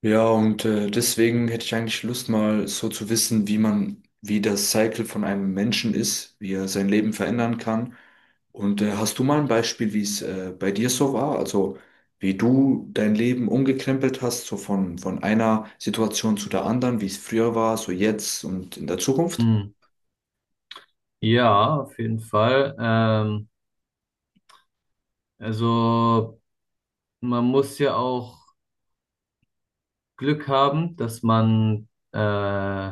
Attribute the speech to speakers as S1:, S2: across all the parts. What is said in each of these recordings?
S1: Ja, und deswegen hätte ich eigentlich Lust, mal so zu wissen, wie das Cycle von einem Menschen ist, wie er sein Leben verändern kann. Und hast du mal ein Beispiel, wie es bei dir so war? Also wie du dein Leben umgekrempelt hast, so von einer Situation zu der anderen, wie es früher war, so jetzt und in der Zukunft?
S2: Hm. Ja, auf jeden Fall. Also man muss ja auch Glück haben, dass man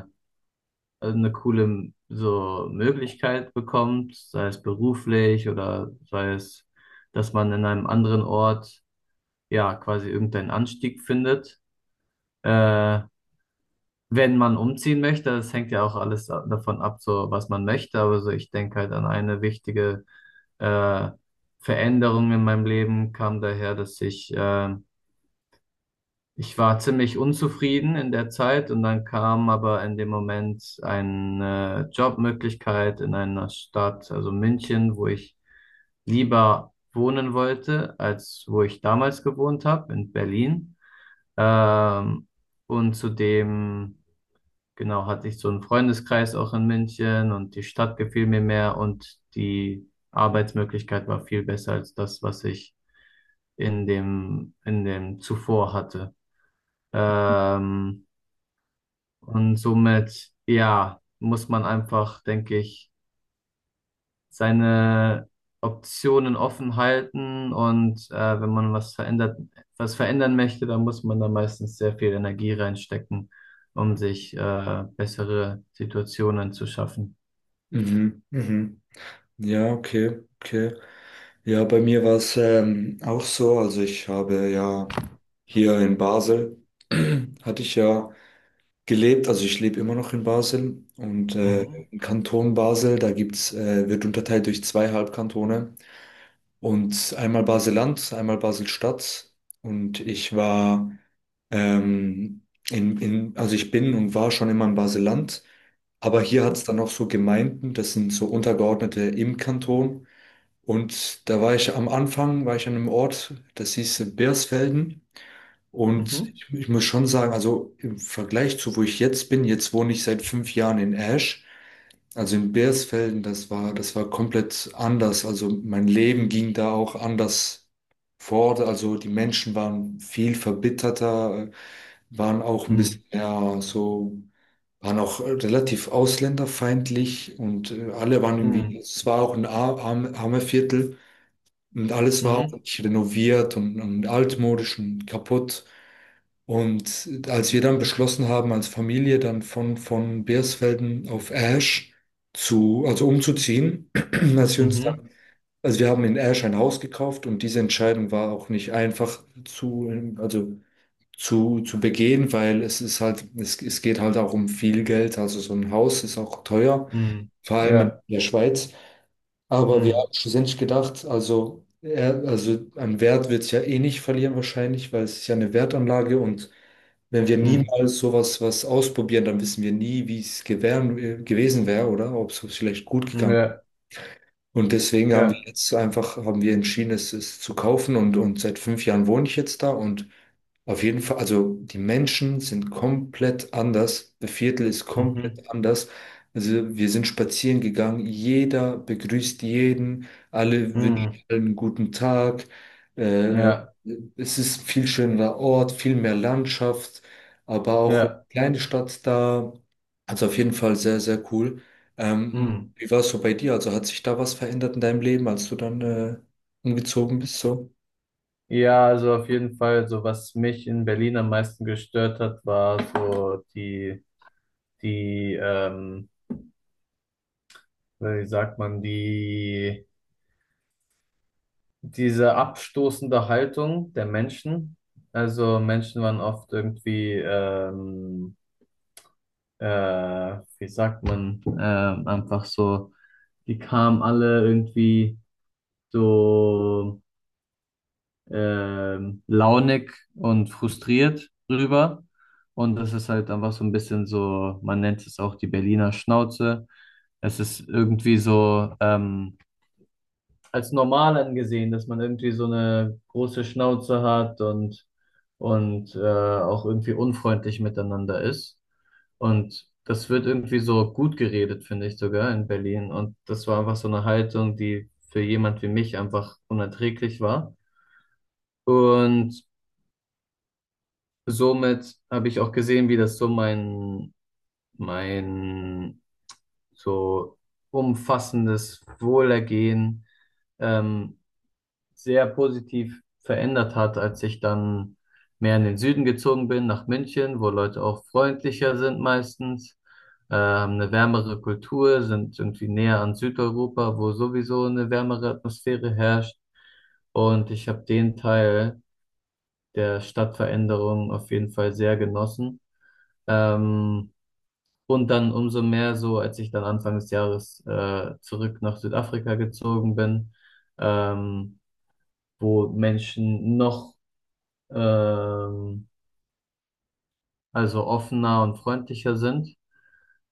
S2: eine coole so Möglichkeit bekommt, sei es beruflich oder sei es, dass man in einem anderen Ort ja quasi irgendeinen Anstieg findet. Äh, Wenn man umziehen möchte, das hängt ja auch alles davon ab, so was man möchte, aber so ich denke halt an eine wichtige äh, Veränderung in meinem Leben kam daher, dass ich war ziemlich unzufrieden in der Zeit und dann kam aber in dem Moment eine Jobmöglichkeit in einer Stadt, also München, wo ich lieber wohnen wollte, als wo ich damals gewohnt habe, in Berlin. Ähm, und zudem, genau, hatte ich so einen Freundeskreis auch in München und die Stadt gefiel mir mehr und die Arbeitsmöglichkeit war viel besser als das, was ich in dem zuvor hatte. Ähm, und somit, ja, muss man einfach, denke ich, seine Optionen offen halten und wenn man was verändern möchte, dann muss man da meistens sehr viel Energie reinstecken, um sich bessere Situationen zu schaffen.
S1: Mhm, mhm. Ja, okay, okay. Ja, bei mir war es auch so. Also ich habe ja hier in Basel, hatte ich ja gelebt. Also ich lebe immer noch in Basel und
S2: Mhm.
S1: im Kanton Basel, wird unterteilt durch zwei Halbkantone und einmal Basel-Land, einmal Basel-Stadt. Und ich war ähm, also ich bin und war schon immer in Basel-Land, aber hier hat's dann noch so Gemeinden, das sind so Untergeordnete im Kanton. Und da war ich am Anfang, war ich an einem Ort, das hieß Bersfelden. Und
S2: Mhm.
S1: ich muss schon sagen, also im Vergleich zu wo ich jetzt bin, jetzt wohne ich seit fünf Jahren in Ash, also in Beersfelden, das war komplett anders. Also mein Leben ging da auch anders fort. Also die Menschen waren viel verbitterter, waren auch ein
S2: Mhm.
S1: bisschen mehr so, waren auch relativ ausländerfeindlich und alle waren
S2: Mhm.
S1: irgendwie, es war auch ein armer Viertel und alles war auch
S2: Mhm.
S1: nicht renoviert und altmodisch und kaputt. Und als wir dann beschlossen haben, als Familie dann von Beersfelden auf Ash also umzuziehen, als wir uns
S2: Mhm.
S1: dann, also wir haben in Ash ein Haus gekauft und diese Entscheidung war auch nicht einfach zu, also zu begehen, weil es ist halt, es geht halt auch um viel Geld. Also so ein Haus ist auch teuer,
S2: Mhm.
S1: vor allem in
S2: Ja.
S1: der Schweiz. Aber wir
S2: Mhm.
S1: haben schlussendlich gedacht, also an Wert wird es ja eh nicht verlieren wahrscheinlich, weil es ist ja eine Wertanlage und wenn wir
S2: Mhm.
S1: niemals sowas was ausprobieren, dann wissen wir nie, gewesen wäre oder ob es vielleicht gut gegangen,
S2: Ja.
S1: und deswegen haben wir
S2: Ja.
S1: jetzt einfach, haben wir entschieden, es zu kaufen und seit fünf Jahren wohne ich jetzt da, und auf jeden Fall, also die Menschen sind komplett anders, das Viertel ist
S2: Mhm.
S1: komplett anders. Also wir sind spazieren gegangen, jeder begrüßt jeden, alle wünschen
S2: Mhm.
S1: allen einen guten Tag. Äh,
S2: Ja.
S1: Es ist ein viel schönerer Ort, viel mehr Landschaft, aber auch eine
S2: Ja.
S1: kleine Stadt da. Also auf jeden Fall sehr, sehr cool. Ähm,
S2: Mhm.
S1: Wie war es so bei dir? Also hat sich da was verändert in deinem Leben, als du dann umgezogen bist, so?
S2: Ja, also auf jeden Fall, so was mich in Berlin am meisten gestört hat, war so die, ähm, wie sagt man, diese abstoßende Haltung der Menschen. Also Menschen waren oft irgendwie, wie sagt man, einfach so, die kamen alle irgendwie so launig und frustriert rüber. Und das ist halt einfach so ein bisschen so, man nennt es auch die Berliner Schnauze. Es ist irgendwie so, als normal angesehen, dass man irgendwie so eine große Schnauze hat und, und auch irgendwie unfreundlich miteinander ist. Und das wird irgendwie so gut geredet, finde ich sogar in Berlin. Und das war einfach so eine Haltung, die für jemand wie mich einfach unerträglich war. Und somit habe ich auch gesehen, wie das so mein so umfassendes Wohlergehen ähm, sehr positiv verändert hat, als ich dann mehr in den Süden gezogen bin, nach München, wo Leute auch freundlicher sind meistens, haben eine wärmere Kultur, sind irgendwie näher an Südeuropa, wo sowieso eine wärmere Atmosphäre herrscht. Und ich habe den Teil der Stadtveränderung auf jeden Fall sehr genossen. Ähm, und dann umso mehr so, als ich dann Anfang des Jahres zurück nach Südafrika gezogen bin, ähm, wo Menschen noch ähm, also offener und freundlicher sind.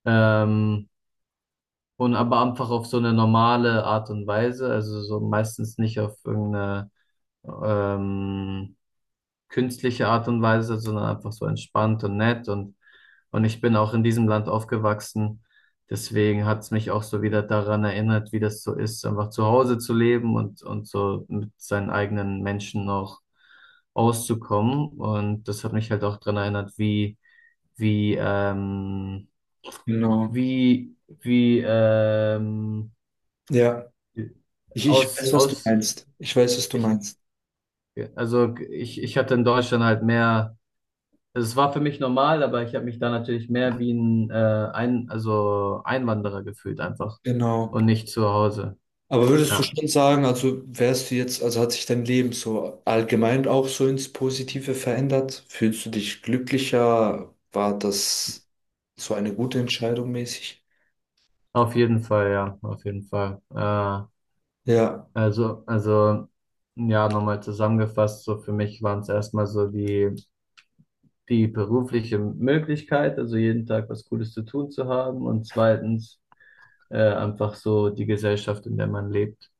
S2: Ähm, und aber einfach auf so eine normale Art und Weise, also so meistens nicht auf irgendeine ähm, künstliche Art und Weise, sondern einfach so entspannt und nett und ich bin auch in diesem Land aufgewachsen. Deswegen hat es mich auch so wieder daran erinnert, wie das so ist, einfach zu Hause zu leben und so mit seinen eigenen Menschen auch auszukommen. Und das hat mich halt auch daran erinnert, wie, wie,
S1: Genau.
S2: wie, wie,
S1: Ja, ich
S2: aus,
S1: weiß, was du
S2: aus,
S1: meinst. Ich weiß, was du
S2: ich,
S1: meinst.
S2: also ich hatte in Deutschland halt mehr. Es war für mich normal, aber ich habe mich da natürlich mehr wie ein also Einwanderer gefühlt einfach
S1: Genau.
S2: und nicht zu Hause.
S1: Aber würdest du
S2: Ja,
S1: schon sagen, also wärst du jetzt, also hat sich dein Leben so allgemein auch so ins Positive verändert? Fühlst du dich glücklicher? War das so eine gute Entscheidung mäßig?
S2: ja, auf jeden Fall.
S1: Ja,
S2: Also ja, nochmal zusammengefasst, so für mich waren es erstmal so die berufliche Möglichkeit, also jeden Tag was Cooles zu tun zu haben und zweitens einfach so die Gesellschaft, in der man lebt.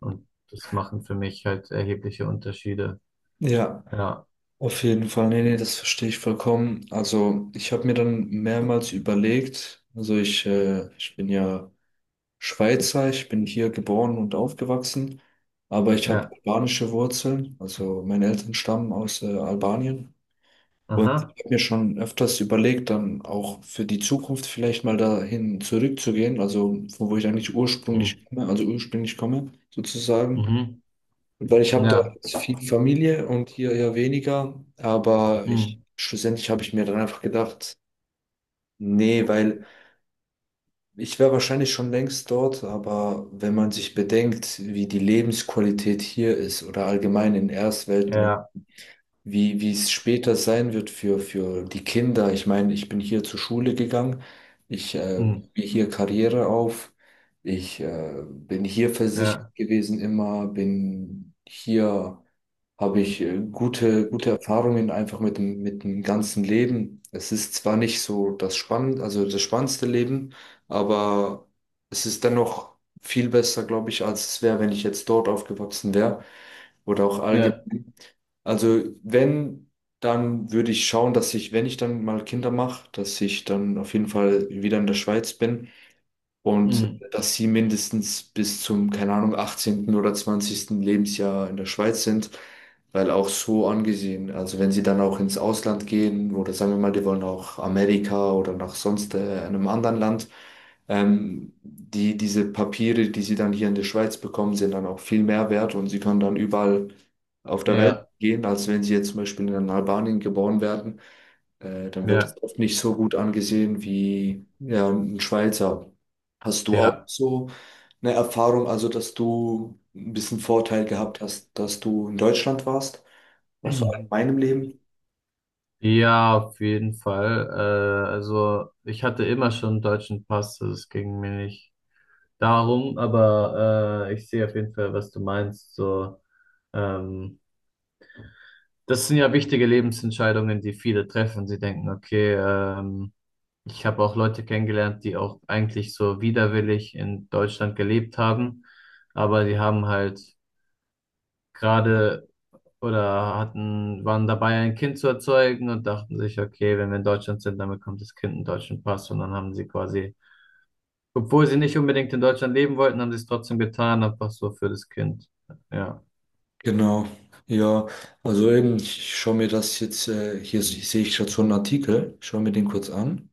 S2: Und das machen für mich halt erhebliche Unterschiede.
S1: ja.
S2: Ja,
S1: Auf jeden Fall, nee, nee, das verstehe ich vollkommen. Also ich habe mir dann mehrmals überlegt, also ich bin ja Schweizer, ich bin hier geboren und aufgewachsen, aber ich habe
S2: ja,
S1: albanische Wurzeln, also meine Eltern stammen aus Albanien. Und ich
S2: aha.
S1: habe mir schon öfters überlegt, dann auch für die Zukunft vielleicht mal dahin zurückzugehen, also von wo ich eigentlich ursprünglich
S2: Mhm.
S1: komme, also ursprünglich komme sozusagen.
S2: Mhm.
S1: Weil ich habe
S2: Ja.
S1: dort viel Familie und hier eher weniger,
S2: Mhm.
S1: schlussendlich habe ich mir dann einfach gedacht, nee, weil ich wäre wahrscheinlich schon längst dort, aber wenn man sich bedenkt, wie die Lebensqualität hier ist oder allgemein in Erstweltländern,
S2: Ja.
S1: wie es später sein wird für die Kinder. Ich meine, ich bin hier zur Schule gegangen, ich baue
S2: Mhm.
S1: hier Karriere auf, ich bin hier versichert
S2: Ja.
S1: gewesen immer, bin hier habe ich gute Erfahrungen einfach mit dem ganzen Leben. Es ist zwar nicht so also das spannendste Leben, aber es ist dennoch viel besser, glaube ich, als es wäre, wenn ich jetzt dort aufgewachsen wäre oder auch allgemein.
S2: Ja.
S1: Also wenn, dann würde ich schauen, dass ich, wenn ich dann mal Kinder mache, dass ich dann auf jeden Fall wieder in der Schweiz bin und
S2: Mhm.
S1: dass sie mindestens bis zum, keine Ahnung, 18. oder 20. Lebensjahr in der Schweiz sind, weil auch so angesehen, also wenn sie dann auch ins Ausland gehen oder sagen wir mal, die wollen auch Amerika oder nach sonst einem anderen Land, diese Papiere, die sie dann hier in der Schweiz bekommen, sind dann auch viel mehr wert und sie können dann überall auf der Welt
S2: Ja.
S1: gehen, als wenn sie jetzt zum Beispiel in Albanien geboren werden, dann wird
S2: Ja.
S1: es oft nicht so gut angesehen wie, ja, ein Schweizer. Hast du auch
S2: Ja.
S1: so eine Erfahrung, also dass du ein bisschen Vorteil gehabt hast, dass du in Deutschland warst, auch so in meinem Leben?
S2: Ja, auf jeden Fall. Also ich hatte immer schon einen deutschen Pass, also es ging mir nicht darum, aber ich sehe auf jeden Fall, was du meinst. So, ähm, das sind ja wichtige Lebensentscheidungen, die viele treffen. Sie denken, okay, ich habe auch Leute kennengelernt, die auch eigentlich so widerwillig in Deutschland gelebt haben, aber die haben halt gerade waren dabei, ein Kind zu erzeugen und dachten sich, okay, wenn wir in Deutschland sind, dann bekommt das Kind einen deutschen Pass und dann haben sie quasi, obwohl sie nicht unbedingt in Deutschland leben wollten, haben sie es trotzdem getan, einfach so für das Kind. Ja.
S1: Genau, ja, also eben, ich schaue mir das jetzt, hier sehe ich gerade so einen Artikel, schaue mir den kurz an.